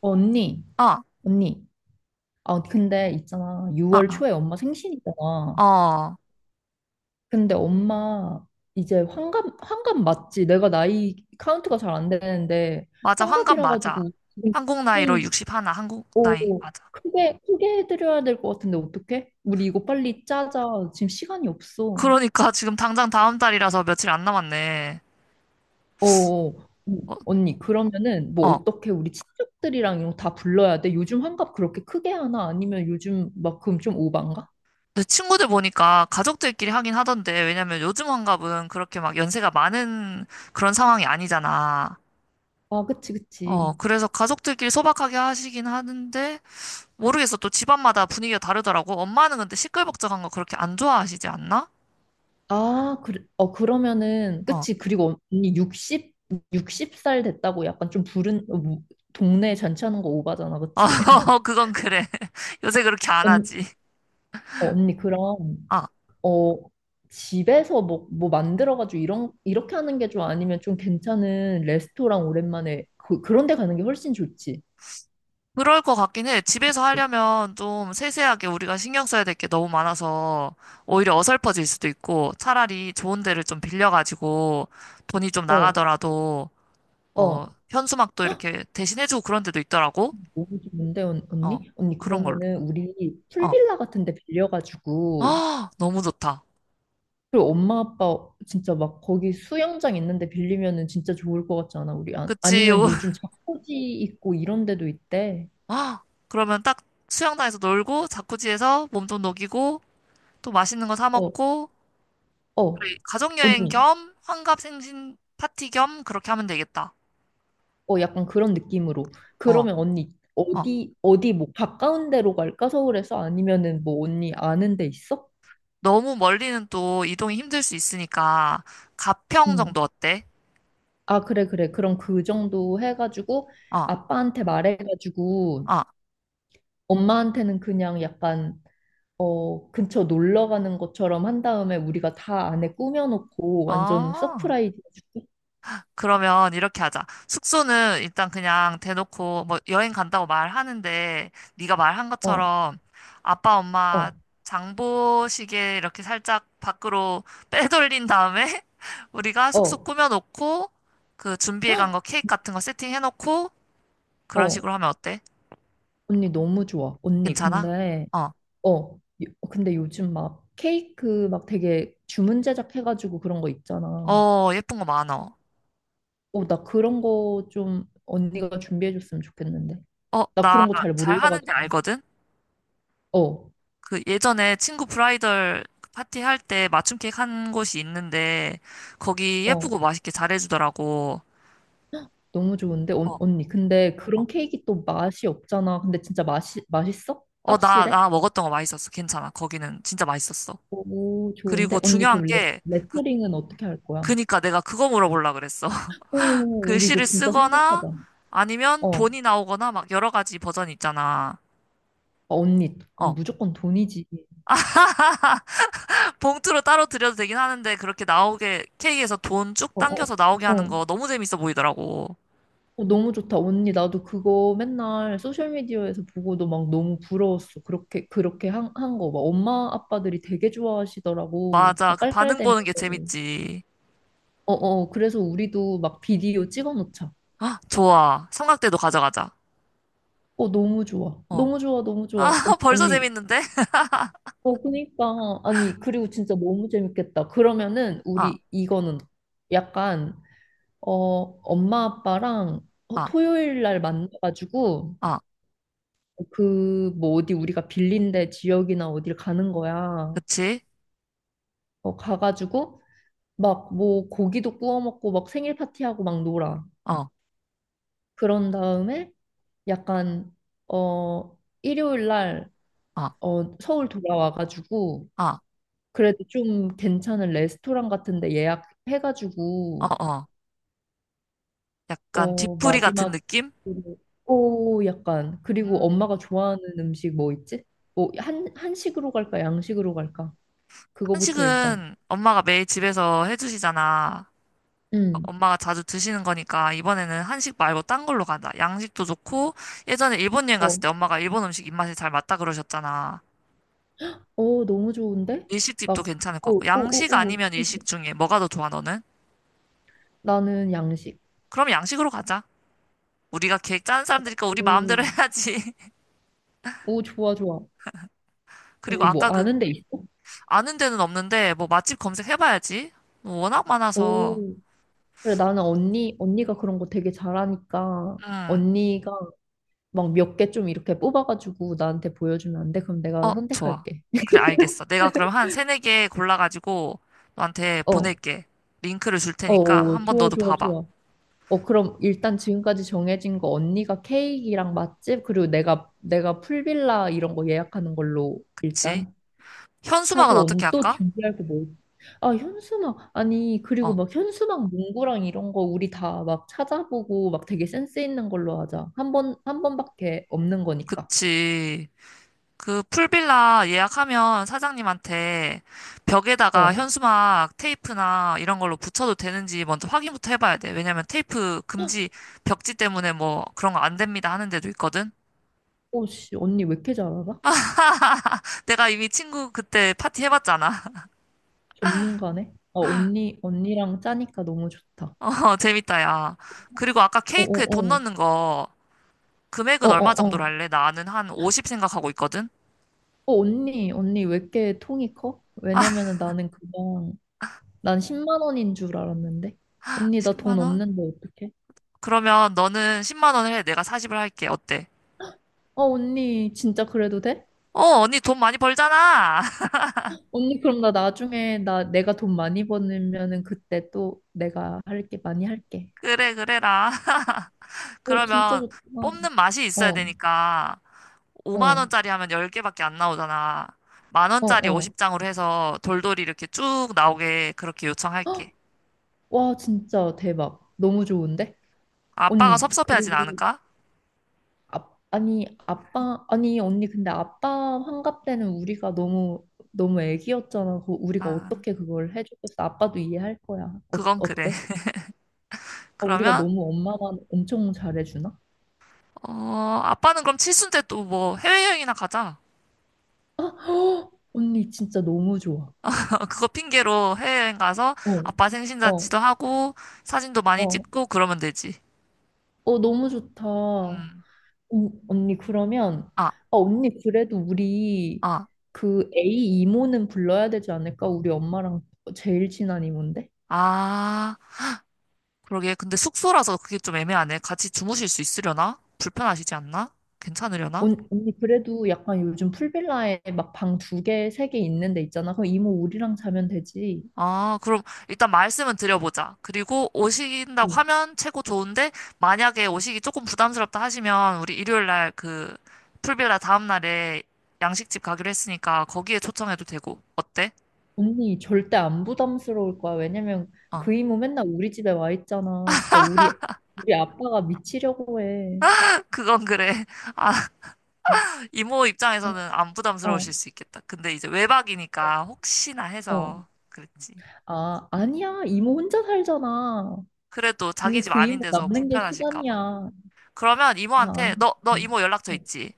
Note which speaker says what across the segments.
Speaker 1: 언니,
Speaker 2: 어,
Speaker 1: 언니. 아, 근데 있잖아.
Speaker 2: 어,
Speaker 1: 6월 초에 엄마
Speaker 2: 어,
Speaker 1: 생신이잖아.
Speaker 2: 어.
Speaker 1: 근데 엄마 이제 환갑 맞지? 내가 나이 카운트가 잘 안 되는데,
Speaker 2: 맞아, 환갑
Speaker 1: 환갑이라
Speaker 2: 맞아.
Speaker 1: 가지고
Speaker 2: 한국 나이로
Speaker 1: 지금
Speaker 2: 61, 한국 나이,
Speaker 1: 오,
Speaker 2: 맞아.
Speaker 1: 크게 해드려야 될 것 같은데, 어떡해? 우리 이거 빨리 짜자. 지금 시간이 없어.
Speaker 2: 그러니까 지금 당장 다음 달이라서 며칠 안 남았네.
Speaker 1: 어, 어.
Speaker 2: 어,
Speaker 1: 언니, 그러면은 뭐
Speaker 2: 어.
Speaker 1: 어떻게 우리 친척들이랑 이런 거 다 불러야 돼? 요즘 환갑 그렇게 크게 하나? 아니면 요즘 막 그럼 좀 오반가?
Speaker 2: 내 친구들 보니까 가족들끼리 하긴 하던데, 왜냐면 요즘 환갑은 그렇게 막 연세가 많은 그런 상황이 아니잖아.
Speaker 1: 아, 그치.
Speaker 2: 어, 그래서 가족들끼리 소박하게 하시긴 하는데, 모르겠어. 또 집안마다 분위기가 다르더라고. 엄마는 근데 시끌벅적한 거 그렇게 안 좋아하시지 않나?
Speaker 1: 아, 그래, 어, 그러면은,
Speaker 2: 어,
Speaker 1: 그치. 그리고 언니 60, 60살 됐다고 약간 좀 부른, 동네 잔치하는 거 오바잖아. 그치.
Speaker 2: 어, 그건 그래. 요새 그렇게 안
Speaker 1: 언,
Speaker 2: 하지.
Speaker 1: 어, 언니, 그럼,
Speaker 2: 어.
Speaker 1: 어, 집에서 뭐 만들어가지고 이렇게 하는 게 좀 아니면 좀 괜찮은 레스토랑 오랜만에 그런 데 가는 게 훨씬 좋지.
Speaker 2: 그럴 것 같긴 해. 집에서 하려면 좀 세세하게 우리가 신경 써야 될 게 너무 많아서 오히려 어설퍼질 수도 있고 차라리 좋은 데를 좀 빌려가지고 돈이 좀
Speaker 1: 어,
Speaker 2: 나가더라도. 어,
Speaker 1: 어.
Speaker 2: 현수막도
Speaker 1: 헉,
Speaker 2: 이렇게 대신해주고 그런 데도 있더라고.
Speaker 1: 너무 좋은데,
Speaker 2: 어,
Speaker 1: 언니? 언니,
Speaker 2: 그런 걸로.
Speaker 1: 그러면은 우리
Speaker 2: 어,
Speaker 1: 풀빌라 같은 데 빌려가지고,
Speaker 2: 아, 너무 좋다.
Speaker 1: 그리고 엄마 아빠 진짜 막 거기 수영장 있는데 빌리면은 진짜 좋을 것 같지 않아? 우리 아,
Speaker 2: 그치.
Speaker 1: 아니면
Speaker 2: 오,
Speaker 1: 요즘 자쿠지 있고 이런 데도 있대.
Speaker 2: 아, 그러면 딱 수영장에서 놀고 자쿠지에서 몸 좀 녹이고 또 맛있는 거 사
Speaker 1: 어,
Speaker 2: 먹고
Speaker 1: 어,
Speaker 2: 그래, 가족여행
Speaker 1: 언니.
Speaker 2: 겸 환갑 생신 파티 겸 그렇게 하면 되겠다.
Speaker 1: 어, 약간 그런 느낌으로.
Speaker 2: 어.
Speaker 1: 그러면 언니
Speaker 2: 어.
Speaker 1: 어디 뭐 가까운 데로 갈까? 서울에서 아니면은 뭐 언니 아는 데 있어?
Speaker 2: 너무 멀리는 또 이동이 힘들 수 있으니까 가평
Speaker 1: 응.
Speaker 2: 정도 어때?
Speaker 1: 아, 그래. 그럼 그 정도 해가지고
Speaker 2: 어,
Speaker 1: 아빠한테 말해가지고
Speaker 2: 어,
Speaker 1: 엄마한테는 그냥 약간 어, 근처 놀러 가는 것처럼 한 다음에 우리가 다 안에 꾸며놓고 완전
Speaker 2: 어.
Speaker 1: 서프라이즈 해줄게.
Speaker 2: 그러면 이렇게 하자. 숙소는 일단 그냥 대놓고 뭐 여행 간다고 말하는데 네가 말한
Speaker 1: 어,
Speaker 2: 것처럼 아빠
Speaker 1: 어,
Speaker 2: 엄마 장보시게 이렇게 살짝 밖으로 빼돌린 다음에 우리가 숙소
Speaker 1: 어,
Speaker 2: 꾸며놓고 그 준비해 간 거 케이크 같은 거 세팅해 놓고 그런
Speaker 1: 어.
Speaker 2: 식으로 하면 어때?
Speaker 1: 언니 너무 좋아. 언니,
Speaker 2: 괜찮아?
Speaker 1: 근데,
Speaker 2: 어,
Speaker 1: 어, 근데 요즘 막 케이크 막 되게 주문 제작해가지고 그런 거 있잖아.
Speaker 2: 어, 예쁜 거 많아.
Speaker 1: 어, 나 그런 거 좀 언니가 준비해줬으면 좋겠는데.
Speaker 2: 어,
Speaker 1: 나
Speaker 2: 나
Speaker 1: 그런 거 잘
Speaker 2: 잘 하는데
Speaker 1: 몰라가지고.
Speaker 2: 알거든?
Speaker 1: 어,
Speaker 2: 그 예전에 친구 브라이덜 파티 할 때 맞춤 케이크 한 곳이 있는데 거기
Speaker 1: 어.
Speaker 2: 예쁘고 맛있게 잘해주더라고.
Speaker 1: 너무 좋은데,
Speaker 2: 어,
Speaker 1: 언니. 근데 그런
Speaker 2: 어.
Speaker 1: 케이크 또 맛이 없잖아. 근데 진짜 맛있어?
Speaker 2: 어, 나,
Speaker 1: 확실해?
Speaker 2: 나 먹었던 거 맛있었어. 괜찮아. 거기는 진짜 맛있었어.
Speaker 1: 오, 좋은데?
Speaker 2: 그리고
Speaker 1: 언니, 그
Speaker 2: 중요한
Speaker 1: 레,
Speaker 2: 게 그,
Speaker 1: 레터링은 어떻게 할 거야?
Speaker 2: 그니까 내가 그거 물어보려고 그랬어.
Speaker 1: 오, 우리 이거
Speaker 2: 글씨를
Speaker 1: 진짜
Speaker 2: 쓰거나
Speaker 1: 생각하자.
Speaker 2: 아니면
Speaker 1: 어, 어,
Speaker 2: 돈이 나오거나 막 여러 가지 버전이 있잖아.
Speaker 1: 언니, 어,
Speaker 2: 어.
Speaker 1: 무조건 돈이지.
Speaker 2: 봉투로 따로 드려도 되긴 하는데 그렇게 나오게 케이크에서 돈 쭉
Speaker 1: 어, 어,
Speaker 2: 당겨서 나오게 하는
Speaker 1: 어.
Speaker 2: 거 너무 재밌어 보이더라고.
Speaker 1: 어, 너무 좋다. 언니, 나도 그거 맨날 소셜미디어에서 보고도 막 너무 부러웠어. 그렇게 한 거. 막 엄마, 아빠들이 되게 좋아하시더라고.
Speaker 2: 맞아.
Speaker 1: 막
Speaker 2: 그 반응
Speaker 1: 깔깔대면서.
Speaker 2: 보는 게 재밌지.
Speaker 1: 어, 어, 그래서 우리도 막 비디오 찍어 놓자.
Speaker 2: 아, 좋아. 삼각대도 가져가자.
Speaker 1: 어, 너무 좋아.
Speaker 2: 어.
Speaker 1: 너무 좋아, 너무
Speaker 2: 아,
Speaker 1: 좋아. 어,
Speaker 2: 벌써
Speaker 1: 언니,
Speaker 2: 재밌는데?
Speaker 1: 어, 그니까. 아니, 그리고 진짜 너무 재밌겠다. 그러면은,
Speaker 2: 아,
Speaker 1: 우리 이거는 약간, 어, 엄마 아빠랑 어,
Speaker 2: 아,
Speaker 1: 토요일 날 만나가지고,
Speaker 2: 아.
Speaker 1: 뭐, 어디 우리가 빌린 데 지역이나 어딜 가는 거야.
Speaker 2: 그치?
Speaker 1: 어, 가가지고, 뭐, 고기도 구워 먹고, 막 생일 파티하고 막 놀아.
Speaker 2: 어,
Speaker 1: 그런 다음에, 약간, 어, 일요일 날,
Speaker 2: 아,
Speaker 1: 어, 서울 돌아와가지고,
Speaker 2: 아,
Speaker 1: 그래도 좀 괜찮은 레스토랑 같은데
Speaker 2: 어,
Speaker 1: 예약해가지고
Speaker 2: 어. 약간
Speaker 1: 어
Speaker 2: 뒤풀이 같은
Speaker 1: 마지막
Speaker 2: 느낌?
Speaker 1: 오 약간 그리고
Speaker 2: 음.
Speaker 1: 엄마가 좋아하는 음식 뭐 있지? 뭐 한 한식으로 갈까 양식으로 갈까? 그거부터 일단
Speaker 2: 한식은 엄마가 매일 집에서 해주시잖아. 어,
Speaker 1: 음.
Speaker 2: 엄마가 자주 드시는 거니까 이번에는 한식 말고 딴 걸로 가자. 양식도 좋고 예전에 일본 여행 갔을
Speaker 1: 어.
Speaker 2: 때 엄마가 일본 음식 입맛에 잘 맞다 그러셨잖아.
Speaker 1: 어 너무 좋은데?
Speaker 2: 일식집도
Speaker 1: 막
Speaker 2: 괜찮을 것
Speaker 1: 오
Speaker 2: 같고
Speaker 1: 오
Speaker 2: 양식
Speaker 1: 오오
Speaker 2: 아니면 일식 중에 뭐가 더 좋아 너는?
Speaker 1: 나는 양식.
Speaker 2: 그럼 양식으로 가자. 우리가 계획 짠 사람들이니까 우리
Speaker 1: 오.
Speaker 2: 마음대로 해야지.
Speaker 1: 오 좋아.
Speaker 2: 그리고
Speaker 1: 언니 뭐
Speaker 2: 아까 그
Speaker 1: 아는 데 있어?
Speaker 2: 아는 데는 없는데 뭐 맛집 검색해봐야지. 워낙 많아서.
Speaker 1: 오. 그래 나는 언니가 그런 거 되게 잘하니까
Speaker 2: 음.
Speaker 1: 언니가 막 몇 개 좀 이렇게 뽑아가지고 나한테 보여주면 안 돼? 그럼
Speaker 2: 어,
Speaker 1: 내가
Speaker 2: 좋아.
Speaker 1: 선택할게.
Speaker 2: 그래, 알겠어. 내가 그럼 한 세네 개 골라가지고 너한테
Speaker 1: 어,
Speaker 2: 보낼게. 링크를 줄
Speaker 1: 어,
Speaker 2: 테니까
Speaker 1: 어,
Speaker 2: 한 번
Speaker 1: 좋아,
Speaker 2: 너도
Speaker 1: 좋아,
Speaker 2: 봐봐.
Speaker 1: 좋아. 어, 그럼 일단 지금까지 정해진 거 언니가 케이크랑 맛집 그리고 내가 풀빌라 이런 거 예약하는 걸로
Speaker 2: 그치?
Speaker 1: 일단
Speaker 2: 현수막은
Speaker 1: 하고
Speaker 2: 어떻게
Speaker 1: 언니 또
Speaker 2: 할까?
Speaker 1: 준비할 거 뭐? 아, 현수막 아니 그리고
Speaker 2: 어,
Speaker 1: 막 현수막 문구랑 이런 거 우리 다 막 찾아보고 막 되게 센스 있는 걸로 하자. 한 번밖에 없는 거니까.
Speaker 2: 그치. 그 풀빌라 예약하면 사장님한테 벽에다가
Speaker 1: 어,
Speaker 2: 현수막 테이프나 이런 걸로 붙여도 되는지 먼저 확인부터 해봐야 돼. 왜냐면 테이프 금지 벽지 때문에 뭐 그런 거 안 됩니다 하는 데도 있거든.
Speaker 1: 오씨 언니 왜 이렇게 잘 알아?
Speaker 2: 내가 이미 친구 그때 파티 해봤잖아.
Speaker 1: 전문가네? 어, 언니랑 짜니까 너무 좋다.
Speaker 2: 어, 재밌다, 야. 그리고 아까 케이크에 돈
Speaker 1: 어어어.
Speaker 2: 넣는 거
Speaker 1: 어
Speaker 2: 금액은 얼마
Speaker 1: 어어. 어, 어,
Speaker 2: 정도로 할래? 나는 한 50 생각하고 있거든.
Speaker 1: 언니 왜 이렇게 통이 커? 왜냐면은 나는 그냥, 난 10만 원인 줄 알았는데. 언니, 나 돈
Speaker 2: 10만 원?
Speaker 1: 없는데 어떡해?
Speaker 2: 그러면 너는 10만 원을 해. 내가 40을 할게. 어때?
Speaker 1: 어, 언니, 진짜 그래도 돼?
Speaker 2: 어, 언니 돈 많이 벌잖아.
Speaker 1: 언니, 그럼 나 나중에, 나, 내가 돈 많이 버면은 그때 또 내가 할게, 많이 할게.
Speaker 2: 그래, 그래라.
Speaker 1: 어, 진짜
Speaker 2: 그러면
Speaker 1: 좋다.
Speaker 2: 뽑는 맛이 있어야
Speaker 1: 어,
Speaker 2: 되니까 5만
Speaker 1: 어,
Speaker 2: 원짜리 하면 10개밖에 안 나오잖아. 만
Speaker 1: 어,
Speaker 2: 원짜리
Speaker 1: 어.
Speaker 2: 50장으로 해서 돌돌이 이렇게 쭉 나오게 그렇게 요청할게.
Speaker 1: 와, 진짜 대박. 너무 좋은데?
Speaker 2: 아빠가
Speaker 1: 언니,
Speaker 2: 섭섭해하진
Speaker 1: 그리고
Speaker 2: 않을까?
Speaker 1: 아, 아니 아빠 아니 언니 근데 아빠 환갑 때는 우리가 너무 애기였잖아. 그 우리가
Speaker 2: 아,
Speaker 1: 어떻게 그걸 해줬겠어? 아빠도 이해할 거야. 어,
Speaker 2: 그건 그래.
Speaker 1: 어때? 아, 우리가
Speaker 2: 그러면
Speaker 1: 너무 엄마만 엄청 잘해주나?
Speaker 2: 어, 아빠는 그럼 칠순 때 또 뭐 해외여행이나 가자.
Speaker 1: 아, 헉! 언니 진짜 너무 좋아.
Speaker 2: 그거 핑계로 해외여행 가서
Speaker 1: 어,
Speaker 2: 아빠
Speaker 1: 어,
Speaker 2: 생신잔치도 하고 사진도 많이
Speaker 1: 어,
Speaker 2: 찍고 그러면 되지.
Speaker 1: 어 너무 좋다.
Speaker 2: 음.
Speaker 1: 언니 그러면 아,
Speaker 2: 아,
Speaker 1: 언니 그래도 우리
Speaker 2: 아,
Speaker 1: 그 A 이모는 불러야 되지 않을까? 우리 엄마랑 제일 친한 이모인데?
Speaker 2: 아. 그러게. 근데 숙소라서 그게 좀 애매하네. 같이 주무실 수 있으려나? 불편하시지 않나? 괜찮으려나?
Speaker 1: 언니 그래도 약간 요즘 풀빌라에 막 방 두 개, 세 개 있는 데 있잖아. 그럼 이모 우리랑 자면 되지.
Speaker 2: 아, 그럼 일단 말씀은 드려보자. 그리고 오신다고
Speaker 1: 어.
Speaker 2: 하면 최고 좋은데, 만약에 오시기 조금 부담스럽다 하시면, 우리 일요일 날 그, 풀빌라 다음날에 양식집 가기로 했으니까 거기에 초청해도 되고. 어때?
Speaker 1: 언니 절대 안 부담스러울 거야. 왜냐면
Speaker 2: 어.
Speaker 1: 그 이모 맨날 우리 집에 와 있잖아. 진짜 우리 아빠가 미치려고 해.
Speaker 2: 그건 그래. 아, 이모
Speaker 1: 어.
Speaker 2: 입장에서는 안
Speaker 1: 어.
Speaker 2: 부담스러우실 수 있겠다. 근데 이제 외박이니까 혹시나
Speaker 1: 어. 어.
Speaker 2: 해서 그랬지.
Speaker 1: 아, 아니야. 이모 혼자 살잖아.
Speaker 2: 그래도 자기
Speaker 1: 언니
Speaker 2: 집
Speaker 1: 그
Speaker 2: 아닌
Speaker 1: 이모
Speaker 2: 데서
Speaker 1: 남는 게
Speaker 2: 불편하실까
Speaker 1: 시간이야.
Speaker 2: 봐.
Speaker 1: 아,
Speaker 2: 그러면
Speaker 1: 아니.
Speaker 2: 이모한테 너
Speaker 1: 응.
Speaker 2: 이모 연락처
Speaker 1: 응.
Speaker 2: 있지?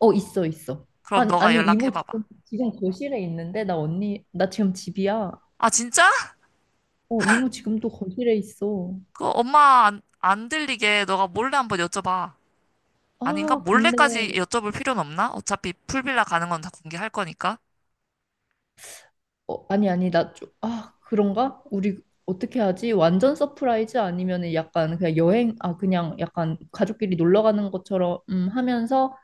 Speaker 1: 어, 있어.
Speaker 2: 그럼
Speaker 1: 아니,
Speaker 2: 너가
Speaker 1: 아니, 이모
Speaker 2: 연락해봐봐.
Speaker 1: 지금 거실에 있는데, 나 언니, 나 지금 집이야.
Speaker 2: 아, 진짜?
Speaker 1: 어, 이모 지금도 거실에 있어.
Speaker 2: 그 엄마 안 들리게 너가 몰래 한번 여쭤봐. 아닌가?
Speaker 1: 아, 근데,
Speaker 2: 몰래까지 여쭤볼 필요는 없나? 어차피 풀빌라 가는 건 다 공개할 거니까.
Speaker 1: 어, 아니, 아니, 나 좀, 아, 그런가? 우리 어떻게 하지? 완전 서프라이즈 아니면은 약간 그냥 아, 그냥 약간 가족끼리 놀러 가는 것처럼 하면서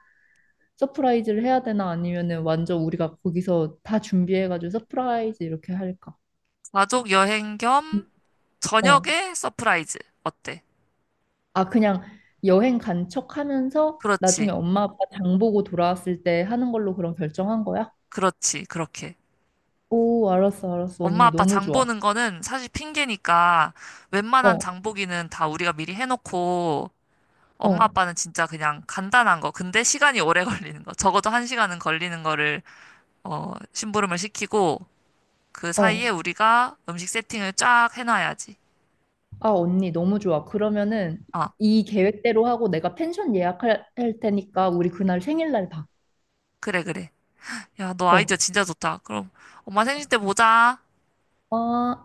Speaker 1: 서프라이즈를 해야 되나? 아니면은 완전 우리가 거기서 다 준비해가지고 서프라이즈 이렇게 할까?
Speaker 2: 가족 여행
Speaker 1: 음.
Speaker 2: 겸
Speaker 1: 어.
Speaker 2: 저녁에 서프라이즈. 어때?
Speaker 1: 아, 그냥 여행 간 척 하면서 나중에
Speaker 2: 그렇지.
Speaker 1: 엄마 아빠 장 보고 돌아왔을 때 하는 걸로 그럼 결정한 거야?
Speaker 2: 그렇지. 그렇게.
Speaker 1: 오, 알았어.
Speaker 2: 엄마
Speaker 1: 언니,
Speaker 2: 아빠
Speaker 1: 너무
Speaker 2: 장
Speaker 1: 좋아.
Speaker 2: 보는 거는 사실 핑계니까 웬만한
Speaker 1: 어,
Speaker 2: 장보기는 다 우리가 미리 해놓고 엄마
Speaker 1: 어.
Speaker 2: 아빠는 진짜 그냥 간단한 거. 근데 시간이 오래 걸리는 거. 적어도 한 시간은 걸리는 거를 어, 심부름을 시키고 그
Speaker 1: 어.
Speaker 2: 사이에 우리가 음식 세팅을 쫙 해놔야지.
Speaker 1: 아, 언니, 너무 좋아. 그러면은
Speaker 2: 아,
Speaker 1: 이 계획대로 하고 내가 펜션 예약할 할 테니까 우리 그날 생일날 봐.
Speaker 2: 그래, 그래. 야, 너
Speaker 1: 어.
Speaker 2: 아이디어 진짜 좋다. 그럼 엄마 생신 때 보자.
Speaker 1: 어.